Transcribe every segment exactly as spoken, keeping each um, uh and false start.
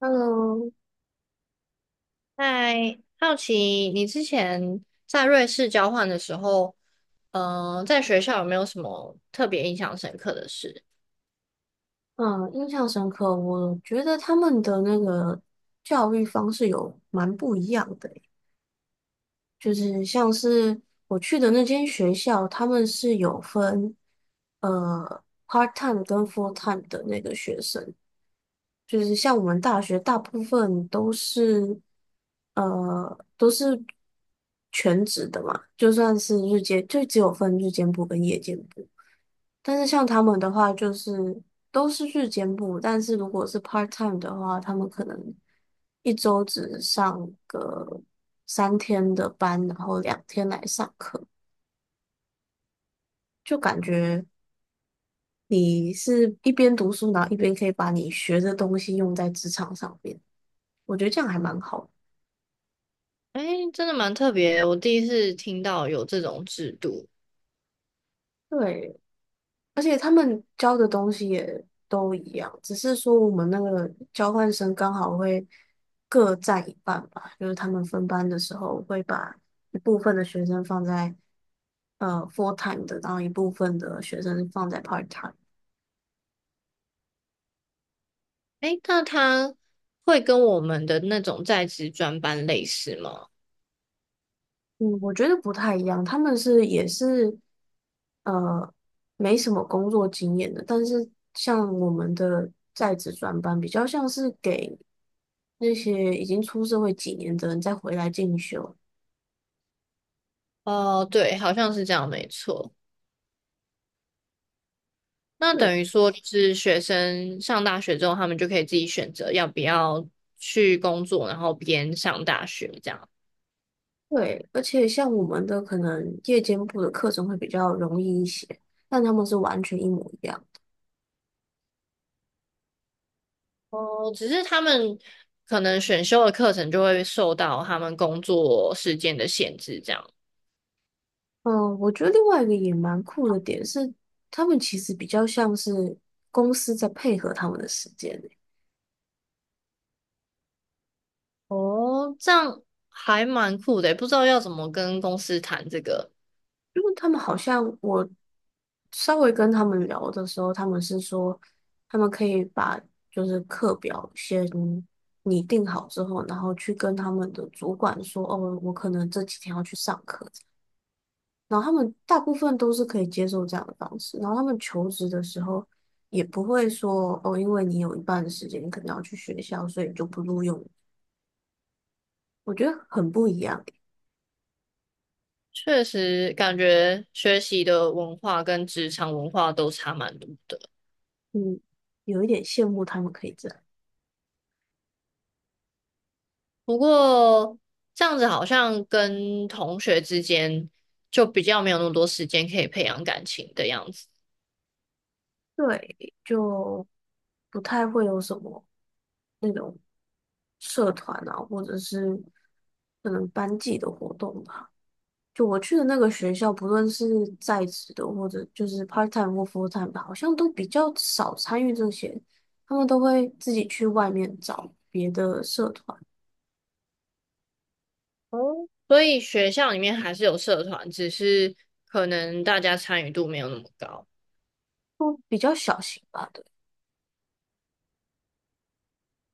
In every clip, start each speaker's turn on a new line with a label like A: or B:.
A: Hello，
B: 嗨，好奇你之前在瑞士交换的时候，嗯、在学校有没有什么特别印象深刻的事？
A: 嗯，印象深刻。我觉得他们的那个教育方式有蛮不一样的欸就是像是我去的那间学校，他们是有分呃 part time 跟 full time 的那个学生，就是像我们大学大部分都是呃都是全职的嘛，就算是日间，就只有分日间部跟夜间部。但是像他们的话，就是都是日间部，但是如果是 part time 的话，他们可能一周只上个三天的班，然后两天来上课，就感觉你是一边读书，然后一边可以把你学的东西用在职场上面，我觉得这样还蛮好的。
B: 哎，真的蛮特别的我第一次听到有这种制度。
A: 对，而且他们教的东西也都一样，只是说我们那个交换生刚好会各占一半吧，就是他们分班的时候会把一部分的学生放在呃 full time 的，然后一部分的学生放在 part time。
B: 哎，那他会跟我们的那种在职专班类似吗？
A: 嗯，我觉得不太一样，他们是也是呃没什么工作经验的，但是像我们的在职专班比较像是给那些已经出社会几年的人再回来进修。
B: 哦，对，好像是这样，没错。那
A: 对
B: 等于说，就是学生上大学之后，他们就可以自己选择要不要去工作，然后边上大学这样。
A: 对，而且像我们的可能夜间部的课程会比较容易一些，但他们是完全一模一样。
B: 哦，只是他们可能选修的课程就会受到他们工作时间的限制，这样。
A: 嗯，我觉得另外一个也蛮酷的点是，他们其实比较像是公司在配合他们的时间欸，
B: 哦，这样还蛮酷的欸，不知道要怎么跟公司谈这个。
A: 因为他们好像我稍微跟他们聊的时候，他们是说他们可以把就是课表先拟定好之后，然后去跟他们的主管说，哦，我可能这几天要去上课。然后他们大部分都是可以接受这样的方式，然后他们求职的时候也不会说哦，因为你有一半的时间你可能要去学校，所以你就不录用。我觉得很不一样欸，
B: 确实，感觉学习的文化跟职场文化都差蛮多的。
A: 嗯，有一点羡慕他们可以这样，
B: 不过这样子好像跟同学之间就比较没有那么多时间可以培养感情的样子。
A: 对，就不太会有什么那种社团啊，或者是可能班级的活动吧。就我去的那个学校，不论是在职的或者就是 part time 或 full time 的，好像都比较少参与这些，他们都会自己去外面找别的社团，
B: 哦，所以学校里面还是有社团，只是可能大家参与度没有那么高。
A: 都比较小型吧，对，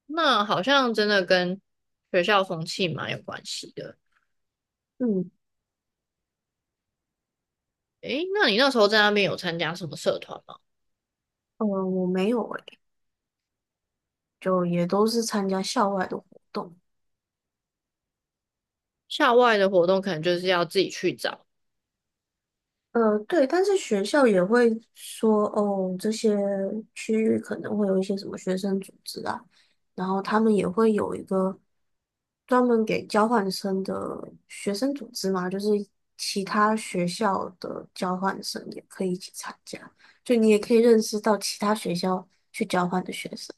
B: 那好像真的跟学校风气蛮有关系的。
A: 嗯，
B: 诶，那你那时候在那边有参加什么社团吗？
A: 呃，我没有诶，就也都是参加校外的活动。
B: 校外的活动可能就是要自己去找。
A: 呃，对，但是学校也会说，哦，这些区域可能会有一些什么学生组织啊，然后他们也会有一个专门给交换生的学生组织嘛，就是其他学校的交换生也可以一起参加，就你也可以认识到其他学校去交换的学生。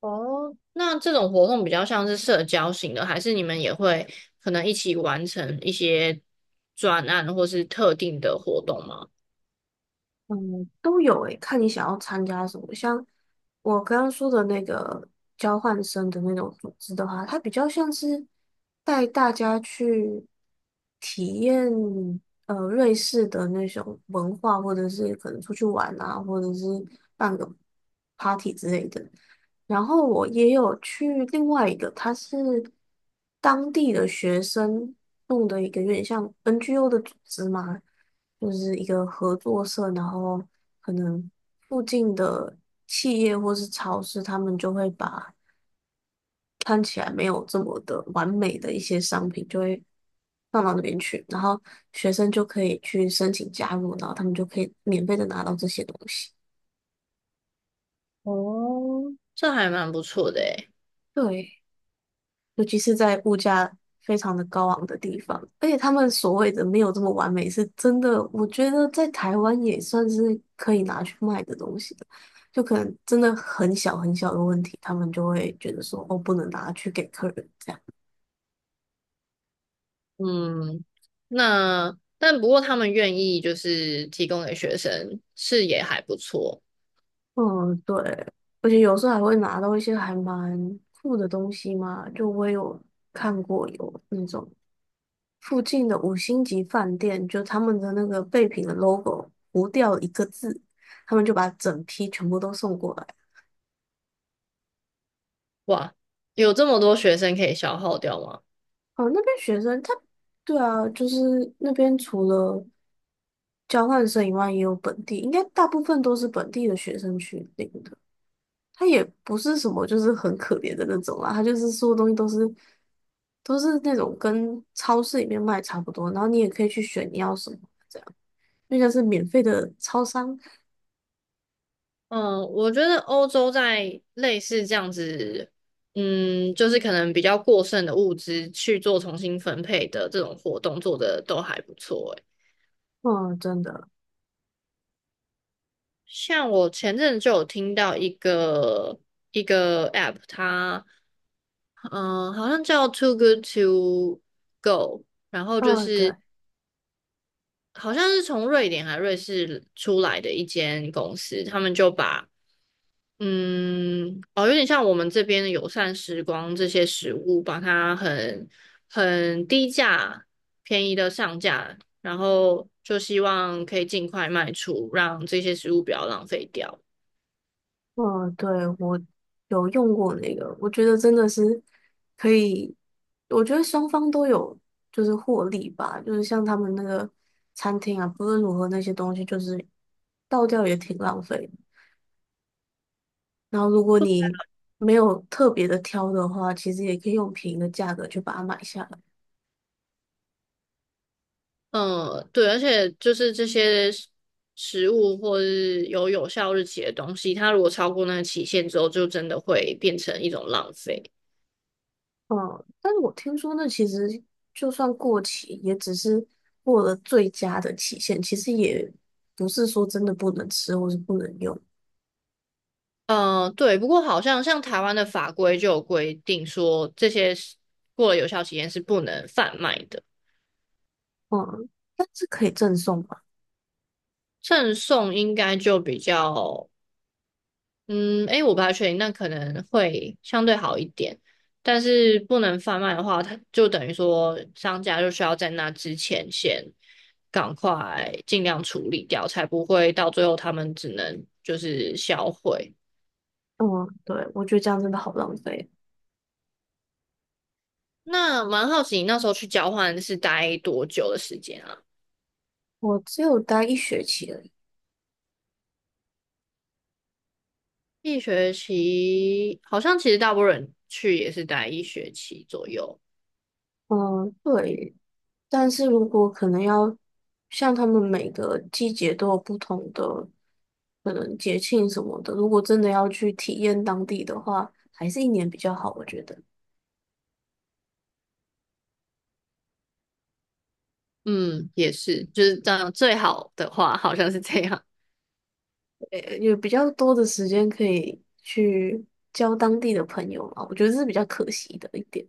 B: 哦，那这种活动比较像是社交型的，还是你们也会可能一起完成一些专案或是特定的活动吗？
A: 嗯，都有诶，看你想要参加什么。像我刚刚说的那个交换生的那种组织的话，它比较像是带大家去体验呃瑞士的那种文化，或者是可能出去玩啊，或者是办个 party 之类的。然后我也有去另外一个，它是当地的学生弄的一个有点像 N G O 的组织嘛。就是一个合作社，然后可能附近的企业或是超市，他们就会把看起来没有这么的完美的一些商品，就会放到那边去，然后学生就可以去申请加入，然后他们就可以免费的拿到这些东西。
B: 哦，这还蛮不错的诶。
A: 对，尤其是在物价非常的高昂的地方，而且他们所谓的没有这么完美，是真的，我觉得在台湾也算是可以拿去卖的东西了。就可能真的很小很小的问题，他们就会觉得说，哦，不能拿去给客人这样。
B: 嗯，那但不过他们愿意就是提供给学生，是也还不错。
A: 嗯，对，而且有时候还会拿到一些还蛮酷的东西嘛，就我有看过有那种。附近的五星级饭店，就他们的那个备品的 logo 糊掉一个字，他们就把整批全部都送过来。
B: 哇，有这么多学生可以消耗掉吗？
A: 哦，那边学生他，对啊，就是那边除了交换生以外，也有本地，应该大部分都是本地的学生去领的。他也不是什么就是很可怜的那种啦，他就是所有东西都是都是那种跟超市里面卖差不多，然后你也可以去选你要什么，这样，因为像是免费的超商。
B: 嗯，我觉得欧洲在类似这样子，嗯，就是可能比较过剩的物资去做重新分配的这种活动做的都还不错欸。
A: 嗯，真的。
B: 像我前阵就有听到一个一个 app，它嗯、呃好像叫 Too Good to Go，然后就
A: 嗯，对，
B: 是好像是从瑞典还瑞士出来的一间公司，他们就把嗯哦有点像我们这边的友善时光这些食物，把它很很低价便宜的上架，然后就希望可以尽快卖出，让这些食物不要浪费掉。
A: 嗯，对，我有用过那个，我觉得真的是可以，我觉得双方都有就是获利吧，就是像他们那个餐厅啊，不论如何那些东西就是倒掉也挺浪费的。然后如果你没有特别的挑的话，其实也可以用便宜的价格去把它买下来。
B: 嗯，对，而且就是这些食食物或是有有效日期的东西，它如果超过那个期限之后，就真的会变成一种浪费。
A: 嗯，但是我听说那其实就算过期，也只是过了最佳的期限，其实也不是说真的不能吃或是不能用。
B: 嗯，对，不过好像像台湾的法规就有规定说，这些是过了有效期限是不能贩卖的，
A: 嗯，但是可以赠送吧？
B: 赠送应该就比较嗯，诶，我不太确定，那可能会相对好一点，但是不能贩卖的话，它就等于说商家就需要在那之前先赶快尽量处理掉，才不会到最后他们只能就是销毁。
A: 嗯，对，我觉得这样真的好浪费。
B: 那蛮好奇，你那时候去交换是待多久的时间啊？
A: 我只有待一学期而已。
B: 一学期，好像其实大部分人去也是待一学期左右。
A: 嗯，对。但是如果可能要像他们每个季节都有不同的可能节庆什么的，如果真的要去体验当地的话，还是一年比较好，我觉得。
B: 嗯，也是，就是这样，最好的话好像是这样。
A: 呃，有比较多的时间可以去交当地的朋友嘛，我觉得这是比较可惜的一点。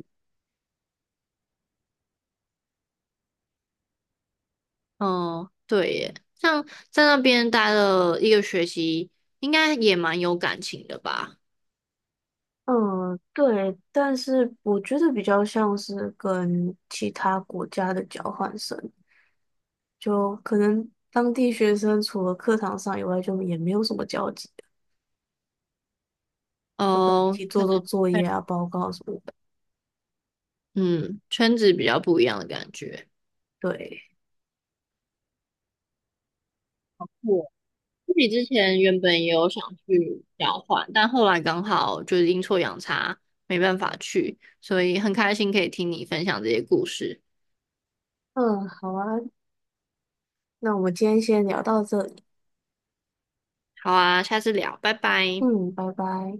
B: 哦，对耶，像在那边待了一个学期，应该也蛮有感情的吧？
A: 嗯，对，但是我觉得比较像是跟其他国家的交换生，就可能当地学生除了课堂上以外，就也没有什么交集，就跟一
B: 哦，
A: 起
B: 可
A: 做做
B: 能
A: 作业啊、报告什么的。
B: 嗯，圈子比较不一样的感觉。
A: 对，
B: 我自己之前原本也有想去交换，但后来刚好就是阴错阳差，没办法去，所以很开心可以听你分享这些故事。
A: 嗯，好啊，那我们今天先聊到这里，
B: 好啊，下次聊，拜拜。
A: 嗯，拜拜。